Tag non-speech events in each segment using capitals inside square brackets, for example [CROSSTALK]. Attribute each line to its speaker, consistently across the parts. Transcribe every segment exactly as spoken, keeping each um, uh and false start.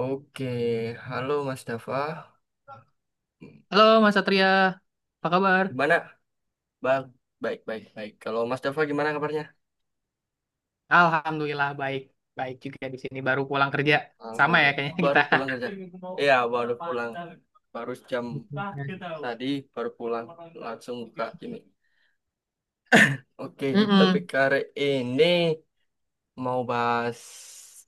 Speaker 1: Oke, halo Mas Dafa.
Speaker 2: Halo Mas Satria, apa kabar?
Speaker 1: Gimana? Bang, baik, baik, baik. Kalau Mas Dafa gimana kabarnya?
Speaker 2: Alhamdulillah baik, baik juga di sini baru pulang kerja. Sama ya
Speaker 1: Alhamdulillah.
Speaker 2: kayaknya kita.
Speaker 1: Baru pulang kerja. Iya, baru pulang. Baru jam
Speaker 2: [LAUGHS]
Speaker 1: tadi baru pulang. Langsung buka ini. Oke, kita
Speaker 2: Mm-mm.
Speaker 1: pikir ini mau bahas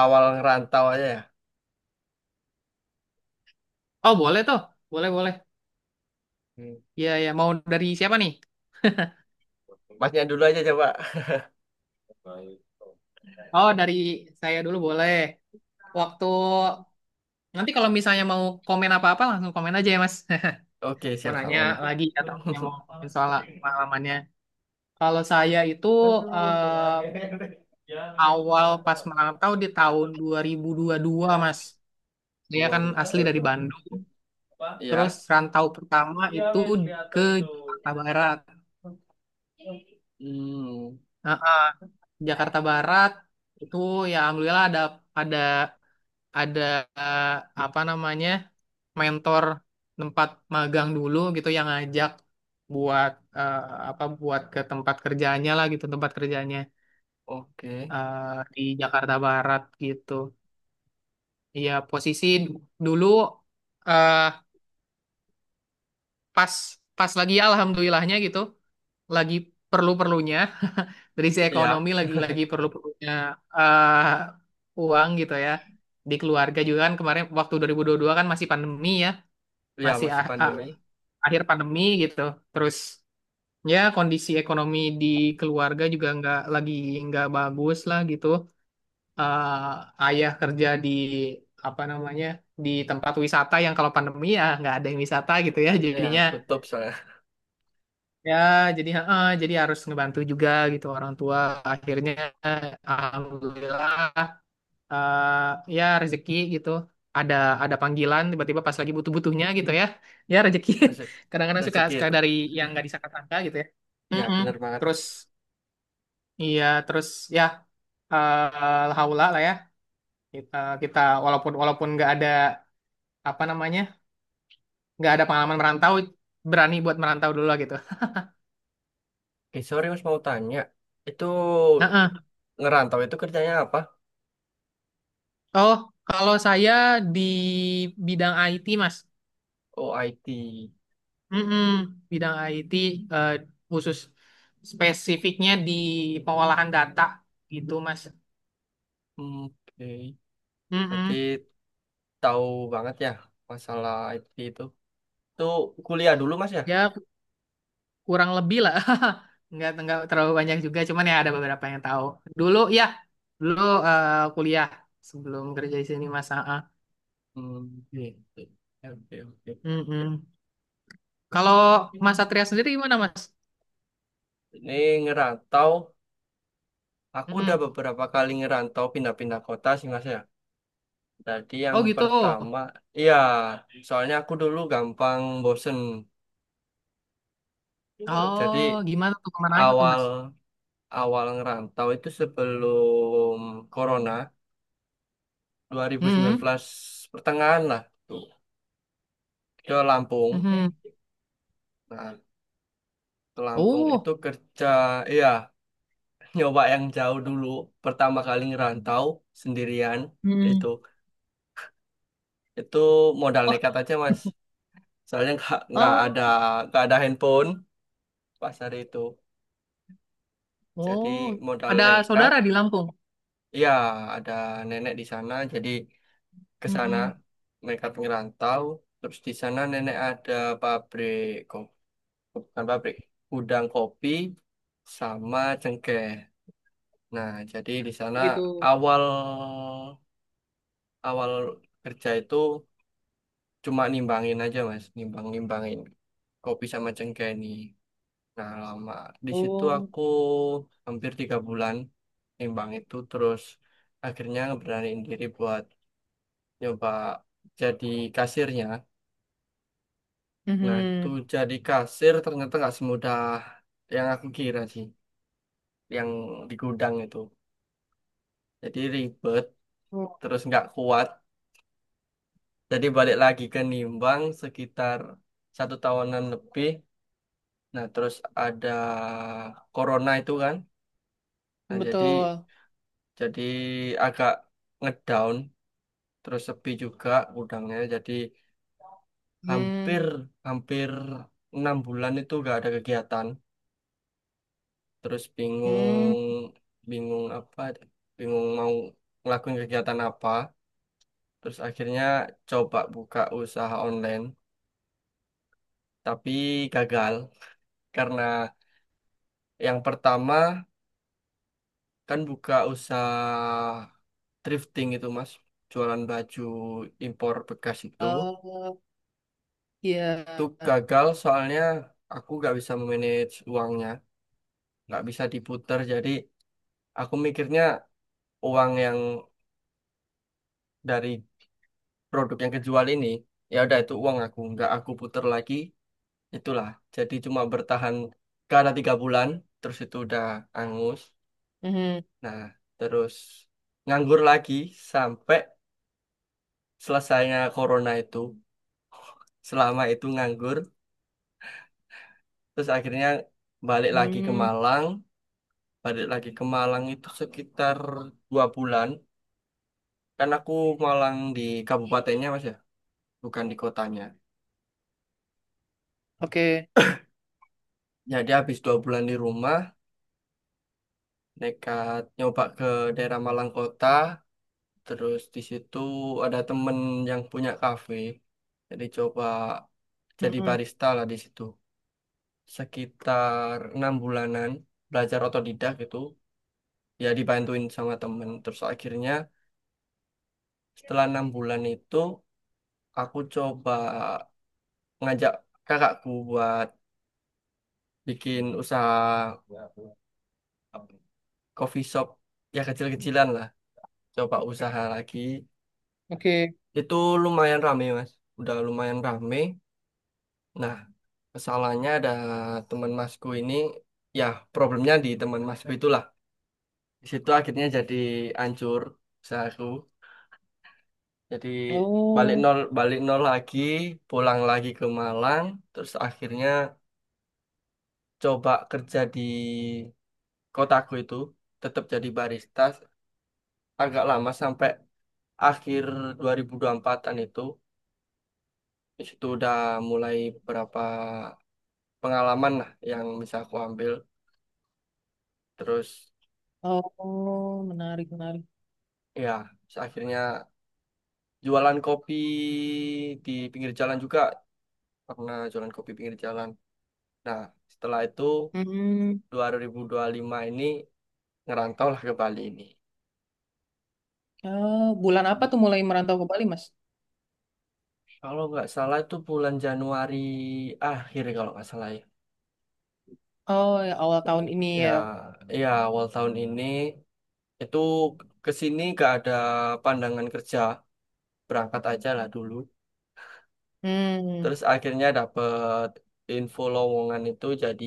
Speaker 1: awal ngerantau aja ya.
Speaker 2: Oh boleh tuh, boleh boleh.
Speaker 1: Hmm.
Speaker 2: Iya ya mau dari siapa nih?
Speaker 1: Masnya dulu aja coba.
Speaker 2: Oh, dari saya dulu boleh. Waktu Nanti kalau misalnya mau komen apa-apa langsung komen aja ya Mas. [LAUGHS]
Speaker 1: Oke,
Speaker 2: Mau
Speaker 1: siap
Speaker 2: nanya
Speaker 1: mana?
Speaker 2: lagi atau punya mau
Speaker 1: [LAUGHS]
Speaker 2: komen soal pengalamannya. Kalau saya itu eh, awal pas merantau di tahun dua ribu dua puluh dua Mas. Saya kan asli dari Bandung.
Speaker 1: dua ribu dua puluh dua. Iya.
Speaker 2: Terus rantau pertama itu ke Jakarta Barat.
Speaker 1: Hmm,
Speaker 2: Nah, Jakarta Barat itu ya alhamdulillah ada ada ada eh, apa namanya mentor tempat magang dulu gitu yang ngajak buat eh, apa buat ke tempat kerjanya lah gitu tempat kerjanya
Speaker 1: oke.
Speaker 2: eh, di Jakarta Barat gitu. Iya posisi d- dulu eh, pas pas lagi ya alhamdulillahnya gitu lagi perlu-perlunya dari sisi
Speaker 1: Iya,
Speaker 2: ekonomi lagi-lagi perlu-perlunya eh, uang gitu ya. Di keluarga juga kan kemarin waktu dua ribu dua puluh dua kan masih pandemi ya,
Speaker 1: iya
Speaker 2: masih
Speaker 1: masih
Speaker 2: a- a-
Speaker 1: pandemi.
Speaker 2: akhir pandemi gitu. Terus ya kondisi ekonomi di keluarga juga nggak lagi nggak bagus lah gitu. Eh, ayah kerja di apa namanya di tempat wisata yang kalau pandemi ya nggak ada yang wisata gitu ya.
Speaker 1: Ya,
Speaker 2: Jadinya
Speaker 1: tutup soalnya.
Speaker 2: ya jadi eh, jadi harus ngebantu juga gitu orang tua. Akhirnya Alhamdulillah eh ya rezeki gitu ada ada panggilan tiba-tiba pas lagi butuh-butuhnya gitu ya ya rezeki.
Speaker 1: [LAUGHS] Rezeki,
Speaker 2: [LAUGHS] Kadang-kadang suka
Speaker 1: rezeki
Speaker 2: suka
Speaker 1: itu,
Speaker 2: dari yang nggak disangka-sangka gitu ya.
Speaker 1: ya
Speaker 2: Mm-mm.
Speaker 1: benar banget.
Speaker 2: Terus iya terus ya eh haula lah ya kita kita walaupun walaupun nggak ada apa namanya nggak ada pengalaman merantau berani buat merantau dulu lah gitu.
Speaker 1: Oke, sorry Mas, mau tanya, itu
Speaker 2: Heeh.
Speaker 1: ngerantau itu kerjanya apa?
Speaker 2: Oh, kalau saya di bidang I T, Mas.
Speaker 1: Oh, I T.
Speaker 2: Mm-mm, bidang I T eh, khusus spesifiknya di pengolahan data gitu Mas.
Speaker 1: Hmm, oke, berarti
Speaker 2: Mm-mm.
Speaker 1: tahu banget ya masalah I T itu itu kuliah dulu Mas ya?
Speaker 2: Ya kurang lebih lah. [LAUGHS] Nggak, nggak terlalu banyak juga, cuman ya ada beberapa yang tahu. Dulu ya, dulu eh, kuliah sebelum kerja di sini Mas. Ah, ah.
Speaker 1: Hmm, oke, oke, oke, oke.
Speaker 2: Mm-mm. Kalau Mas Satria sendiri gimana Mas?
Speaker 1: Ini ngerantau, aku udah
Speaker 2: Mm-mm.
Speaker 1: beberapa kali ngerantau, pindah-pindah kota sih Mas ya. Tadi yang
Speaker 2: Oh gitu.
Speaker 1: pertama, iya, soalnya aku dulu gampang bosen. Jadi
Speaker 2: Oh gimana tuh kemana aja tuh
Speaker 1: awal
Speaker 2: Mas?
Speaker 1: awal ngerantau itu sebelum Corona,
Speaker 2: Mm-mm.
Speaker 1: dua ribu sembilan belas pertengahan lah, tuh ke Lampung.
Speaker 2: Mm-mm.
Speaker 1: Nah, ke Lampung itu
Speaker 2: Oh.
Speaker 1: kerja. Iya, [LAUGHS] nyoba yang jauh dulu pertama kali ngerantau sendirian. itu
Speaker 2: Mm.
Speaker 1: itu modal
Speaker 2: Wah.
Speaker 1: nekat aja Mas. Soalnya nggak nggak ada
Speaker 2: Oh.
Speaker 1: nggak ada handphone pas hari itu. Jadi
Speaker 2: Oh,
Speaker 1: modal
Speaker 2: ada
Speaker 1: nekat.
Speaker 2: saudara di Lampung.
Speaker 1: Iya, ada nenek di sana jadi ke sana.
Speaker 2: Hmm,
Speaker 1: Mereka ngerantau, terus di sana nenek ada pabrik, ko- bukan pabrik, gudang kopi sama cengkeh. Nah, jadi di sana
Speaker 2: begitu.
Speaker 1: awal awal kerja itu cuma nimbangin aja Mas, nimbang nimbangin kopi sama cengkeh ini. Nah, lama di situ
Speaker 2: Oh,
Speaker 1: aku hampir tiga bulan nimbang itu, terus akhirnya ngeberaniin diri buat nyoba jadi kasirnya. Nah, itu
Speaker 2: mhm.
Speaker 1: jadi kasir ternyata nggak semudah yang aku kira sih, yang di gudang itu. Jadi ribet,
Speaker 2: Oh,
Speaker 1: terus nggak kuat. Jadi balik lagi ke Nimbang sekitar satu tahunan lebih. Nah, terus ada Corona itu kan. Nah, jadi
Speaker 2: betul.
Speaker 1: jadi agak ngedown, terus sepi juga gudangnya. Jadi hampir
Speaker 2: Hmm,
Speaker 1: hampir enam bulan itu nggak ada kegiatan. Terus bingung,
Speaker 2: hmm.
Speaker 1: bingung apa, bingung mau ngelakuin kegiatan apa. Terus akhirnya coba buka usaha online tapi gagal, karena yang pertama kan buka usaha thrifting itu Mas, jualan baju impor bekas itu.
Speaker 2: Oh,
Speaker 1: Tuh
Speaker 2: iya.
Speaker 1: gagal soalnya aku nggak bisa manage uangnya, nggak bisa diputar. Jadi aku mikirnya uang yang dari produk yang kejual ini, ya udah itu uang aku nggak aku puter lagi. Itulah, jadi cuma bertahan karena tiga bulan terus itu udah angus.
Speaker 2: Mhm.
Speaker 1: Nah, terus nganggur lagi sampai selesainya corona itu. Selama itu nganggur, terus akhirnya balik lagi ke
Speaker 2: Hmm,
Speaker 1: Malang. Balik lagi ke Malang itu sekitar dua bulan. Kan aku Malang di kabupatennya Mas ya, bukan di kotanya.
Speaker 2: oke.
Speaker 1: Jadi habis dua bulan di rumah, nekat nyoba ke daerah Malang Kota. Terus di situ ada temen yang punya kafe, jadi coba jadi
Speaker 2: Mhm.
Speaker 1: barista lah di situ sekitar enam bulanan, belajar otodidak gitu. Ya, dibantuin sama temen. Terus akhirnya setelah enam bulan itu, aku coba ngajak kakakku buat bikin usaha coffee shop, ya kecil-kecilan lah, coba usaha lagi.
Speaker 2: Oke.
Speaker 1: Itu lumayan rame Mas, udah lumayan rame. Nah, masalahnya ada teman masku ini, ya problemnya di teman masku itulah. Di situ akhirnya jadi hancur usahaku. Jadi balik
Speaker 2: Oh,
Speaker 1: nol, balik nol lagi, pulang lagi ke Malang. Terus akhirnya coba kerja di kotaku itu, tetap jadi barista agak lama sampai akhir dua ribu dua puluh empat-an itu. Di situ udah mulai beberapa pengalaman lah yang bisa aku ambil. Terus
Speaker 2: oh, menarik, menarik.
Speaker 1: ya, akhirnya jualan kopi di pinggir jalan juga, pernah jualan kopi pinggir jalan. Nah, setelah itu
Speaker 2: Hmm.
Speaker 1: dua ribu dua puluh lima ini ngerantau lah ke Bali ini.
Speaker 2: Oh, bulan apa tuh mulai merantau ke Bali, Mas?
Speaker 1: Kalau nggak salah itu bulan Januari akhir, kalau nggak salah ya.
Speaker 2: Oh, ya awal tahun ini
Speaker 1: Ya,
Speaker 2: ya.
Speaker 1: ya awal tahun ini. Itu ke sini nggak ada pandangan kerja, berangkat aja lah dulu.
Speaker 2: Hmm,
Speaker 1: Terus akhirnya dapet info lowongan, itu jadi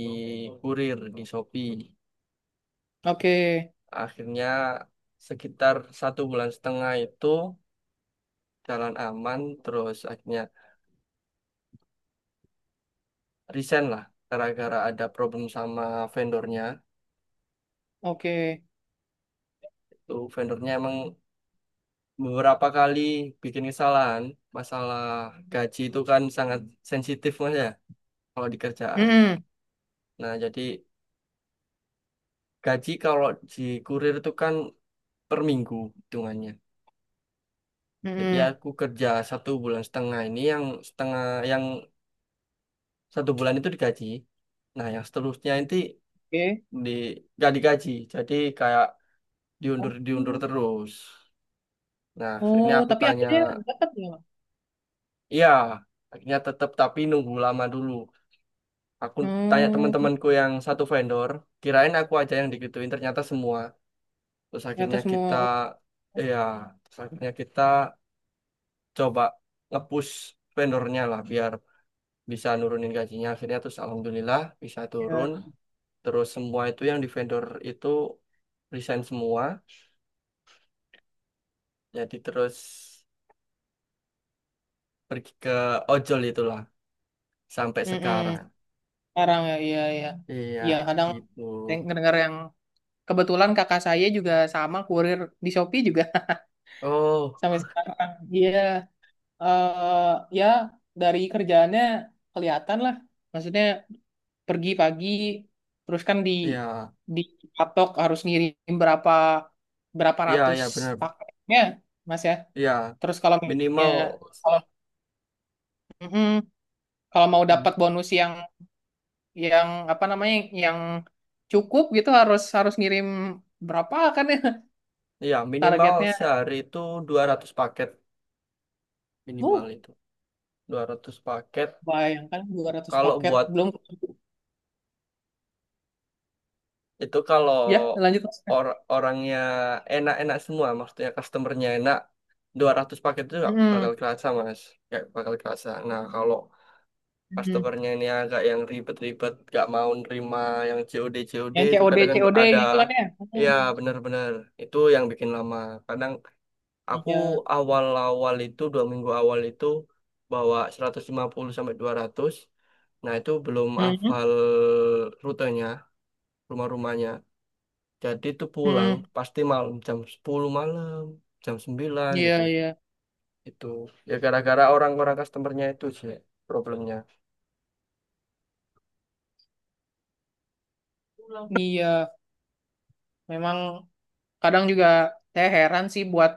Speaker 1: kurir di Shopee.
Speaker 2: oke,
Speaker 1: Akhirnya sekitar satu bulan setengah itu jalan aman, terus akhirnya resign lah gara-gara ada problem sama vendornya.
Speaker 2: oke.
Speaker 1: Itu vendornya emang beberapa kali bikin kesalahan. Masalah gaji itu kan sangat sensitif Mas ya kalau di kerjaan.
Speaker 2: Hmm,
Speaker 1: Nah, jadi gaji kalau di kurir itu kan per minggu hitungannya. Jadi
Speaker 2: hmm,
Speaker 1: aku kerja satu bulan setengah ini, yang setengah, yang satu bulan itu digaji. Nah, yang seterusnya nanti
Speaker 2: oke.
Speaker 1: di nggak digaji. Jadi kayak diundur, diundur
Speaker 2: Oh.
Speaker 1: terus. Nah, akhirnya
Speaker 2: Oh,
Speaker 1: aku
Speaker 2: tapi
Speaker 1: tanya,
Speaker 2: akhirnya dapat ya, Mas?
Speaker 1: iya, akhirnya tetap, tapi nunggu lama dulu. Aku tanya
Speaker 2: Hmm,
Speaker 1: teman-temanku yang satu vendor, kirain aku aja yang digituin ternyata semua. Terus
Speaker 2: ternyata
Speaker 1: akhirnya
Speaker 2: semua.
Speaker 1: kita
Speaker 2: Oh,
Speaker 1: Ya, terus akhirnya kita coba ngepush vendornya lah biar bisa nurunin gajinya. Akhirnya terus alhamdulillah bisa
Speaker 2: ya.
Speaker 1: turun. Terus semua itu yang di vendor itu resign semua. Jadi terus pergi ke ojol itulah sampai
Speaker 2: Mm-mm.
Speaker 1: sekarang.
Speaker 2: Sekarang ya, iya, iya.
Speaker 1: Iya,
Speaker 2: Iya, kadang
Speaker 1: gitu.
Speaker 2: deng- ngedengar yang kebetulan kakak saya juga sama kurir di Shopee juga. [LAUGHS]
Speaker 1: Oh,
Speaker 2: Sampai sekarang. Iya, eh ya dari kerjaannya kelihatan lah. Maksudnya pergi pagi, terus kan di
Speaker 1: iya,
Speaker 2: dipatok harus ngirim berapa berapa
Speaker 1: iya,
Speaker 2: ratus
Speaker 1: iya benar.
Speaker 2: paketnya, Mas ya.
Speaker 1: Iya,
Speaker 2: Terus kalau misalnya
Speaker 1: minimal,
Speaker 2: kalau Mm-mm, kalau mau
Speaker 1: hmm,
Speaker 2: dapat bonus yang yang apa namanya yang cukup gitu harus harus ngirim berapa kan ya.
Speaker 1: iya,
Speaker 2: [LAUGHS]
Speaker 1: minimal
Speaker 2: Targetnya.
Speaker 1: sehari itu dua ratus paket,
Speaker 2: Uh,
Speaker 1: minimal itu. Dua ratus paket.
Speaker 2: Bayangkan dua ratus
Speaker 1: Kalau
Speaker 2: paket
Speaker 1: buat
Speaker 2: belum
Speaker 1: itu, kalau
Speaker 2: ya lanjut Mas.
Speaker 1: or- orangnya enak-enak semua, maksudnya customernya enak, dua ratus paket itu nggak
Speaker 2: Hmm,
Speaker 1: bakal kerasa Mas, nggak bakal kerasa. Nah kalau
Speaker 2: hmm.
Speaker 1: customernya ini agak yang ribet-ribet, gak mau nerima yang C O D C O D
Speaker 2: Yang
Speaker 1: itu
Speaker 2: C O D
Speaker 1: kadang kan
Speaker 2: C O D
Speaker 1: ada.
Speaker 2: gitu kan ya.
Speaker 1: Ya,
Speaker 2: Hmm.
Speaker 1: benar-benar itu yang bikin lama kadang. Aku
Speaker 2: Iya.
Speaker 1: awal-awal itu dua minggu awal itu bawa seratus lima puluh sampai dua ratus. Nah itu belum
Speaker 2: Hmm, hmm.
Speaker 1: hafal rutenya, rumah-rumahnya. Jadi itu pulang
Speaker 2: Hmm.
Speaker 1: pasti malam jam sepuluh malam, jam sembilan gitu.
Speaker 2: Iya, iya.
Speaker 1: Itu ya gara-gara orang-orang customernya itu sih problemnya.
Speaker 2: Iya, memang kadang juga saya heran sih buat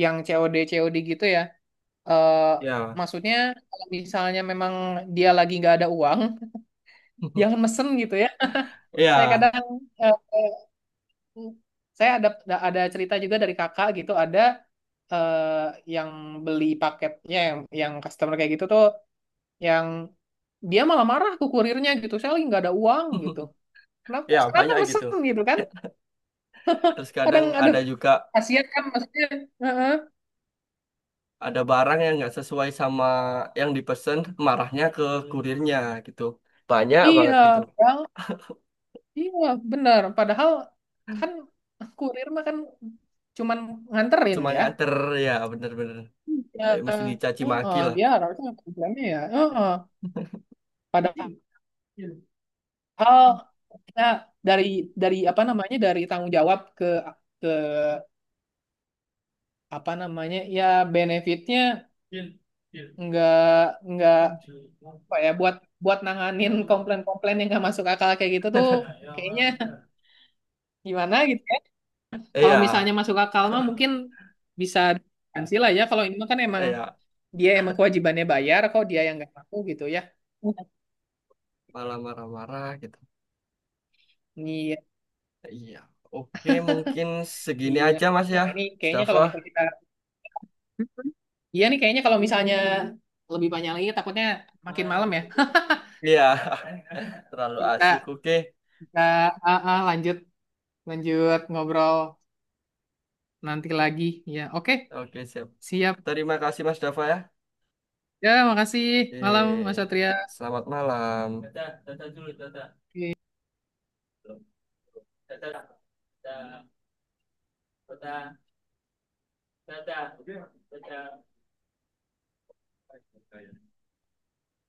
Speaker 2: yang C O D C O D gitu ya. Eh
Speaker 1: Ya,
Speaker 2: Maksudnya kalau misalnya memang dia lagi nggak ada uang jangan
Speaker 1: [LAUGHS]
Speaker 2: mesen gitu ya. [LAUGHS] Saya
Speaker 1: ya
Speaker 2: kadang eh, eh, saya ada ada cerita juga dari kakak gitu, ada eh, yang beli paketnya yang yang customer kayak gitu tuh yang dia malah marah ke kurirnya gitu. Saya lagi nggak ada uang gitu.
Speaker 1: [LAUGHS]
Speaker 2: Kenapa
Speaker 1: ya
Speaker 2: kenapa
Speaker 1: banyak gitu.
Speaker 2: mesen gitu kan?
Speaker 1: Terus
Speaker 2: Kadang
Speaker 1: kadang
Speaker 2: aduh
Speaker 1: ada juga,
Speaker 2: kasihan kan maksudnya. Heeh.
Speaker 1: ada barang yang nggak sesuai sama yang dipesan, marahnya ke kurirnya gitu, banyak banget gitu.
Speaker 2: Iya, padahal iya benar. Padahal kan kurir mah kan cuman nganterin
Speaker 1: Cuma
Speaker 2: ya.
Speaker 1: nganter, ya bener-bener
Speaker 2: Ya,
Speaker 1: tapi mesti dicaci maki
Speaker 2: heeh,
Speaker 1: lah.
Speaker 2: dia harusnya programnya ya. Heeh. Padahal kita dari dari apa namanya dari tanggung jawab ke ke apa namanya ya benefitnya nggak nggak apa ya buat buat nanganin komplain-komplain yang nggak masuk akal kayak gitu tuh kayaknya gimana gitu ya. Kalau
Speaker 1: Iya,
Speaker 2: misalnya masuk akal mah mungkin bisa diganti lah ya. Kalau ini mah kan emang
Speaker 1: iya,
Speaker 2: dia emang kewajibannya bayar kok dia yang nggak mampu gitu ya.
Speaker 1: malah marah-marah gitu.
Speaker 2: Iya,
Speaker 1: Iya, oke mungkin segini
Speaker 2: iya.
Speaker 1: aja Mas ya,
Speaker 2: Wah, ini kayaknya
Speaker 1: Mustafa.
Speaker 2: kalau misalnya kita. Iya nih kayaknya kalau misalnya lebih banyak lagi takutnya makin malam ya.
Speaker 1: Iya, [LAUGHS]
Speaker 2: [LAUGHS]
Speaker 1: terlalu
Speaker 2: Kita
Speaker 1: asik. Oke,
Speaker 2: kita ah, ah, lanjut lanjut ngobrol nanti lagi. Ya, oke.
Speaker 1: oke, siap,
Speaker 2: Siap.
Speaker 1: terima kasih Mas Dafa ya.
Speaker 2: Ya, makasih. Malam Mas
Speaker 1: eh
Speaker 2: Satria.
Speaker 1: Selamat malam. Dadah, dadah dulu, dadah.